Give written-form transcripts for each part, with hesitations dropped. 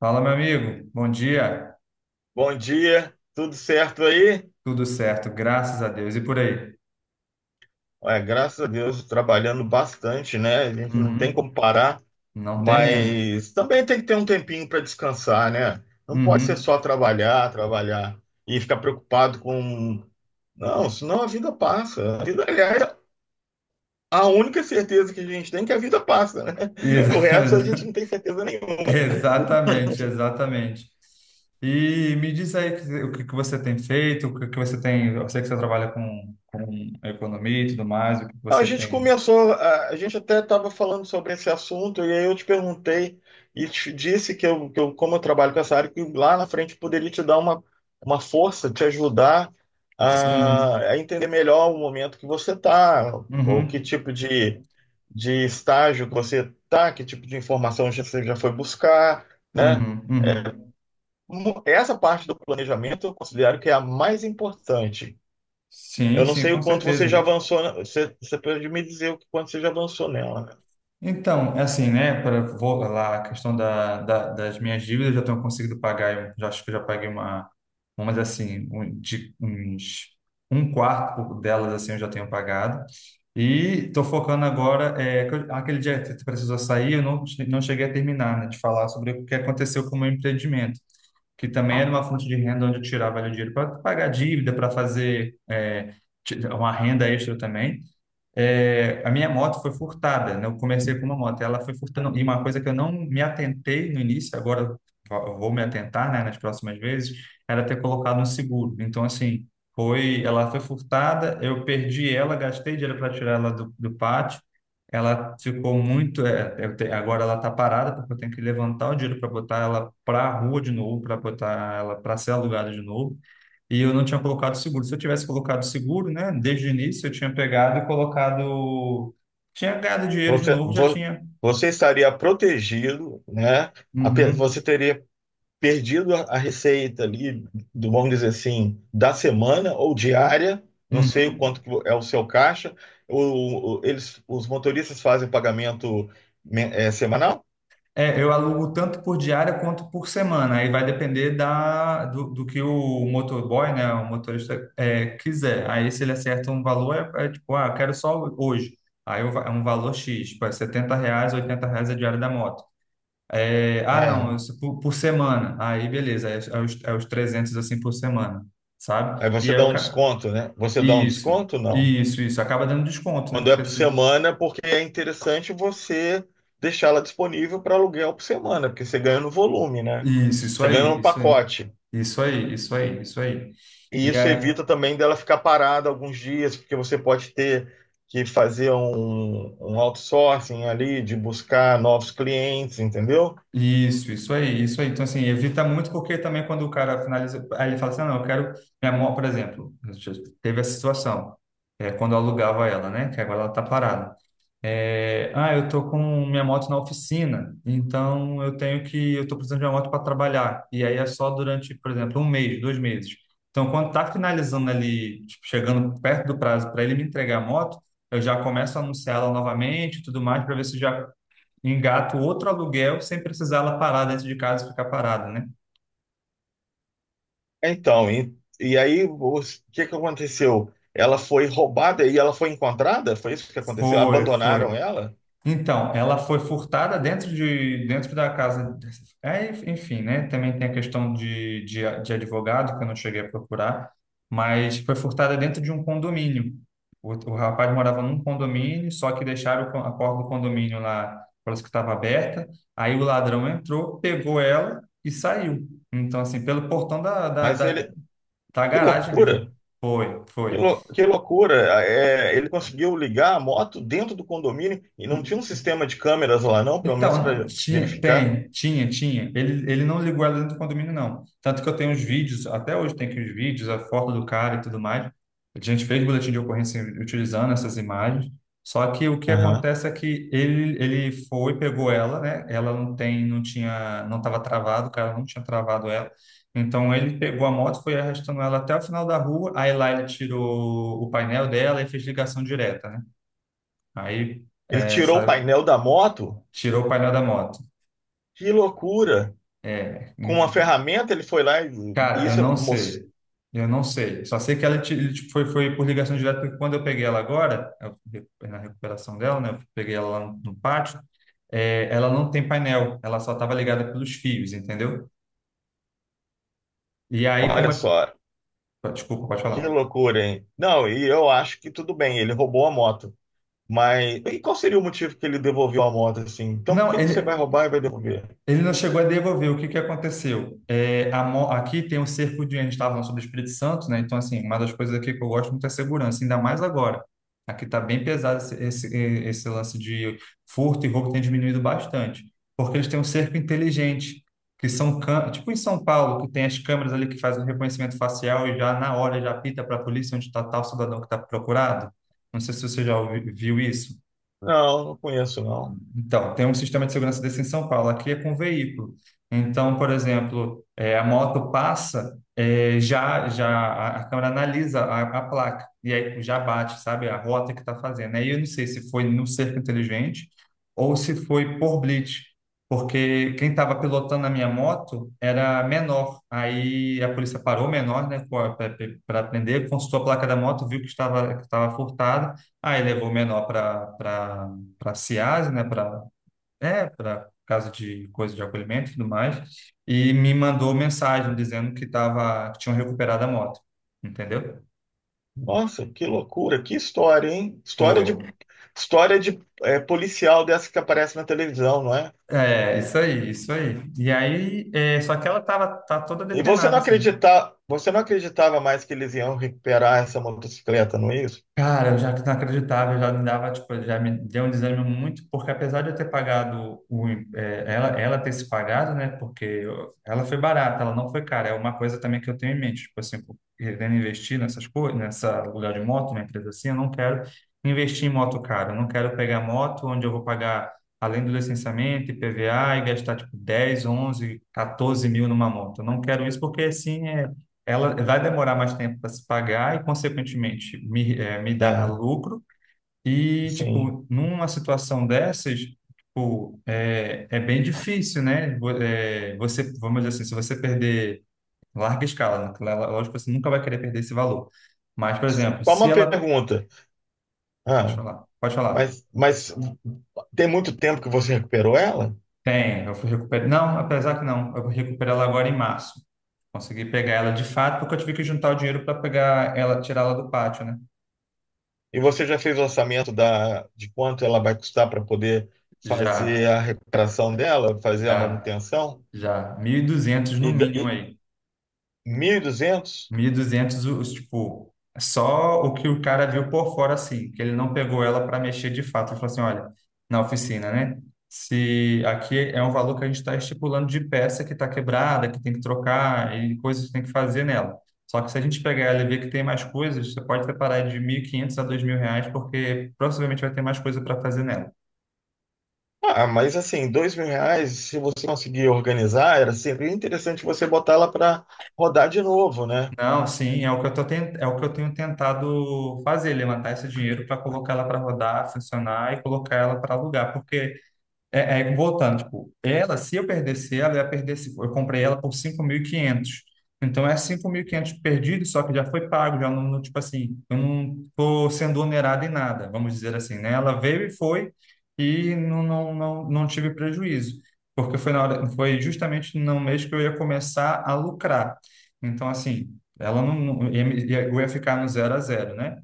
Fala, meu amigo. Bom dia. Bom dia, tudo certo aí? Tudo certo, graças a Deus. E por aí? Ué, graças a Deus, trabalhando bastante, né? A gente não tem Uhum. como parar, Não tem mesmo. mas também tem que ter um tempinho para descansar, né? Não pode ser Uhum. só trabalhar, trabalhar e ficar preocupado com. Não, senão a vida passa. A vida, aliás, a única certeza que a gente tem é que a vida passa, né? O resto a gente Exa- não tem certeza nenhuma. Exatamente, exatamente. E me diz aí o que que você tem feito, o que que você tem. Eu sei que você trabalha com economia e tudo mais, o que que A você gente tem. começou, a gente até estava falando sobre esse assunto, e aí eu te perguntei e te disse que eu, como eu trabalho com essa área, que lá na frente poderia te dar uma força, te ajudar Sim. a entender melhor o momento que você está, ou que Uhum. tipo de estágio que você está, que tipo de informação você já foi buscar, né? Uhum. Uhum. Essa parte do planejamento eu considero que é a mais importante, Sim, eu não sim, sei com o quanto você já certeza. avançou. Você, pode me dizer o quanto você já avançou nela, né? Então, é assim, né? Para lá a questão das minhas dívidas, eu já tenho conseguido pagar. Eu já acho que eu já paguei uma, umas assim, um, de, uns um quarto delas assim, eu já tenho pagado. E estou focando agora é que aquele dia que tu precisou sair, eu não cheguei a terminar, né, de falar sobre o que aconteceu com o meu empreendimento, que também era uma fonte de renda onde eu tirava ali o dinheiro para pagar dívida, para fazer uma renda extra também. É, a minha moto foi furtada, né? Eu comecei com uma moto, ela foi furtando. E uma coisa que eu não me atentei no início, agora eu vou me atentar, né, nas próximas vezes, era ter colocado um seguro. Então, assim, ela foi furtada, eu perdi ela, gastei dinheiro para tirar ela do pátio. Ela ficou muito. Agora ela está parada, porque eu tenho que levantar o dinheiro para botar ela para a rua de novo, para botar ela para ser alugada de novo. E eu não tinha colocado seguro. Se eu tivesse colocado seguro, né, desde o início, eu tinha pegado e colocado. Tinha ganhado dinheiro de Você, novo, já vo- tinha. Você estaria protegido, né? Você Uhum, teria perdido a receita ali, vamos dizer assim, da semana ou diária. Não sei o uhum. quanto que é o seu caixa. Os motoristas fazem pagamento, é, semanal? É, eu alugo tanto por diária quanto por semana. Aí vai depender do que o motorboy, né, o motorista, quiser. Aí se ele acerta um valor, é tipo, ah, eu quero só hoje. Aí é um valor X, tipo, é R$ reais, 80 reais a diária da moto. É, ah, É. não, isso por semana. Aí, beleza, é os 300 assim por semana, sabe? Aí E você aí, dá um desconto, né? Você dá um isso, desconto? Não. isso, isso. Acaba dando desconto, né? Quando é Porque por assim, semana, porque é interessante você deixá-la disponível para aluguel por semana, porque você ganha no volume, né? isso Você ganha aí, no isso aí, pacote. isso aí, isso aí, isso aí. E E isso aí, evita também dela ficar parada alguns dias, porque você pode ter que fazer um, um outsourcing ali, de buscar novos clientes, entendeu? isso aí, isso aí. Então, assim, evita muito, porque também quando o cara finaliza, aí ele fala assim: "Ah, não, eu quero minha mão, por exemplo, teve essa situação, quando eu alugava ela, né? Que agora ela tá parada. É, ah, eu tô com minha moto na oficina, então eu tô precisando de uma moto para trabalhar. E aí é só durante, por exemplo, um mês, dois meses. Então, quando tá finalizando ali, tipo, chegando perto do prazo para ele me entregar a moto, eu já começo a anunciar ela novamente, e tudo mais, para ver se já engato outro aluguel sem precisar ela parar dentro de casa e ficar parada, né? Então, e aí o que que aconteceu? Ela foi roubada e ela foi encontrada? Foi isso que aconteceu? Foi, foi. Abandonaram ela? Então, ela foi furtada dentro da casa. É, enfim, né? Também tem a questão de advogado, que eu não cheguei a procurar, mas foi furtada dentro de um condomínio. O rapaz morava num condomínio, só que deixaram o a porta do condomínio lá, parece que estava aberta. Aí o ladrão entrou, pegou ela e saiu. Então, assim, pelo portão da, da, Mas da, ele, da que garagem mesmo. loucura! Foi, foi. Que loucura! É, ele conseguiu ligar a moto dentro do condomínio e não tinha um sistema de câmeras lá, não, pelo menos Então, para tinha, verificar. tem, tinha, tinha. Ele não ligou ela dentro do condomínio, não. Tanto que eu tenho os vídeos, até hoje tem aqui os vídeos, a foto do cara e tudo mais. A gente fez boletim de ocorrência utilizando essas imagens. Só que o que Aham. acontece é que ele pegou ela, né? Ela não tem, não tinha, não estava travado, o cara não tinha travado ela. Então ele pegou a moto, foi arrastando ela até o final da rua. Aí lá ele tirou o painel dela e fez ligação direta, né? Aí Ele tirou o essa, painel da moto. tirou o painel da moto. Que loucura! É, Com inf- uma ferramenta ele foi lá e cara, eu isso, não moço, sei. Eu não sei. Só sei que ele, tipo, foi por ligação direta, porque quando eu peguei ela agora, na recuperação dela, né? Eu peguei ela lá no pátio, ela não tem painel, ela só estava ligada pelos fios, entendeu? E aí, como olha é. só, Desculpa, pode que falar. loucura, hein? Não, e eu acho que tudo bem, ele roubou a moto. Mas e qual seria o motivo que ele devolveu a moto assim? Então por Não, que que você vai ele, roubar e vai devolver? Ele não chegou a devolver. O que que aconteceu? Aqui tem um cerco de... A gente estava falando sobre o Espírito Santo, né? Então, assim, uma das coisas aqui que eu gosto muito é a segurança, ainda mais agora. Aqui está bem pesado esse lance de furto e roubo tem diminuído bastante, porque eles têm um cerco inteligente, que são... tipo em São Paulo, que tem as câmeras ali que fazem o reconhecimento facial e já na hora já apita para a polícia onde está tal cidadão que está procurado. Não sei se você já viu isso. Não, não conheço, não. Então, tem um sistema de segurança desse em São Paulo, aqui é com veículo. Então, por exemplo, a moto passa, já a câmera analisa a placa, e aí já bate, sabe, a rota que está fazendo. Aí eu não sei se foi no cerco inteligente ou se foi por blitz, porque quem estava pilotando a minha moto era menor. Aí a polícia parou o menor, né, para prender, consultou a placa da moto, viu que estava furtada, aí levou o menor para CIAS, né, para casa de coisa de acolhimento e tudo mais, e me mandou mensagem dizendo que tinham recuperado a moto, entendeu? Nossa, que loucura, que história, hein? Foi. História de é, policial dessa que aparece na televisão, não é? É, isso aí, isso aí. E aí, só que ela tava tá toda E você depenada não assim, né? acredita, você não acreditava mais que eles iam recuperar essa motocicleta, não é isso? Cara, eu já não acreditava, eu já me dava, tipo, já me deu um desânimo muito, porque apesar de eu ter pagado ela, ter se pagado, né? Porque ela foi barata, ela não foi cara. É uma coisa também que eu tenho em mente, tipo assim, pô, querendo investir nessas coisas, nessa lugar de moto, uma empresa assim, eu não quero investir em moto cara. Eu não quero pegar moto onde eu vou pagar, além do licenciamento, IPVA, e gastar tipo 10 11 14 mil numa moto. Eu não quero isso porque assim ela vai demorar mais tempo para se pagar e, consequentemente, me dar É, lucro. E, sim. tipo, numa situação dessas, tipo, é bem difícil, né? Você, vamos dizer assim, se você perder larga escala, né? Lógico, você nunca vai querer perder esse valor. Mas, por exemplo, Só se uma ela... pergunta. Pode Ah, falar, pode falar. Mas tem muito tempo que você recuperou ela? Tem, eu fui recuperar... Não, apesar que não, eu vou recuperar ela agora em março. Consegui pegar ela de fato, porque eu tive que juntar o dinheiro para pegar ela, tirar ela do pátio, né? E você já fez o orçamento da, de quanto ela vai custar para poder fazer Já, a recuperação dela, fazer a já. manutenção? Já, 1.200 no E, da- mínimo e aí. 1.200. 1.200 os, tipo, só o que o cara viu por fora, assim, que ele não pegou ela para mexer de fato. Ele falou assim, olha, na oficina, né? Se aqui é um valor que a gente está estipulando de peça que está quebrada, que tem que trocar e coisas que tem que fazer nela. Só que se a gente pegar ela e ver que tem mais coisas, você pode separar de 1.500 a 2.000 reais, porque provavelmente vai ter mais coisa para fazer nela. Ah, mas assim, 2.000 reais, se você conseguir organizar, era sempre interessante você botar ela para rodar de novo, né? Não, sim, é o que eu tô ten- é o que eu tenho tentado fazer, levantar esse dinheiro para colocar ela para rodar, funcionar e colocar ela para alugar, porque voltando, tipo, ela, se eu perdesse ela, eu ia perder, eu comprei ela por 5.500. Então é 5.500 perdido, só que já foi pago, já não, não, tipo assim, eu não tô sendo onerado em nada, vamos dizer assim, né? Ela veio e foi e não tive prejuízo, porque foi na hora, foi justamente no mês que eu ia começar a lucrar. Então assim, ela não ia, eu ia ficar no zero a zero, né?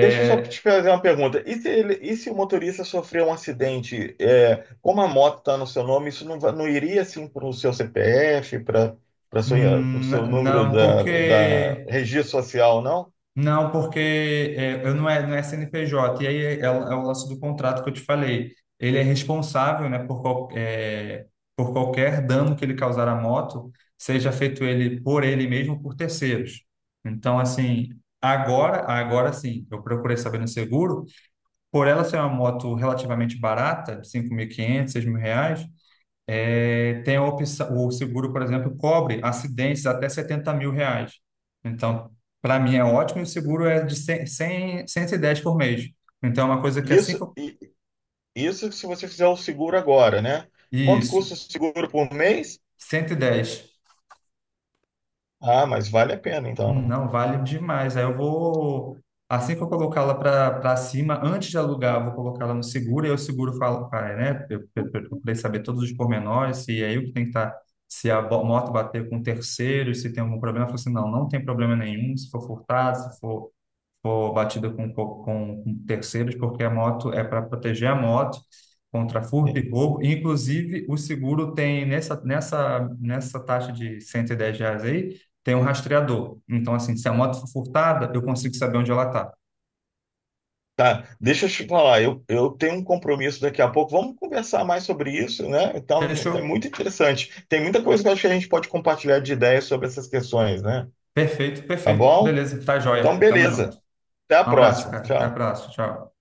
Deixa eu só te fazer uma pergunta. E se, e se o motorista sofreu um acidente, é, como a moto está no seu nome, não iria assim para o seu CPF, para o seu número não, da porque registro social, não? Não, porque é, eu não é, não é CNPJ, e aí é o lance do contrato que eu te falei. Ele é responsável, né, por qualquer dano que ele causar à moto, seja feito ele por ele mesmo ou por terceiros. Então, assim, agora, agora sim, eu procurei saber no seguro, por ela ser uma moto relativamente barata, 5.500, 6.000 reais, tem a opção, o seguro, por exemplo, cobre acidentes até 70.000 reais. Então, para mim é ótimo, e o seguro é de 110 por mês. Então, é uma coisa que é Isso, isso se você fizer o seguro agora, né? Quanto Isso, custa o seguro por mês? 110. Ah, mas vale a pena, então. Não, vale demais. Aí eu vou, assim que eu colocá-la para cima, antes de alugar, eu vou colocá-la no seguro, e aí o seguro fala, pai, né? Eu procurei saber todos os pormenores, se é eu que tem que estar, se a moto bater com terceiros, se tem algum problema. Eu falei assim, não, não tem problema nenhum, se for furtado, se for batido com terceiros, porque a moto é para proteger a moto contra furto e roubo. Inclusive, o seguro tem nessa taxa de 110 reais aí, tem um rastreador. Então, assim, se a moto for furtada, eu consigo saber onde ela está. Tá, deixa eu te falar, eu tenho um compromisso daqui a pouco. Vamos conversar mais sobre isso, né? Então, Fechou? é muito interessante. Tem muita coisa que eu acho que a gente pode compartilhar de ideias sobre essas questões, né? Perfeito, Tá perfeito. bom? Beleza, tá Então, joia. Tamo junto. beleza. Até a Um abraço, próxima. cara. Até a Tchau. próxima. Tchau.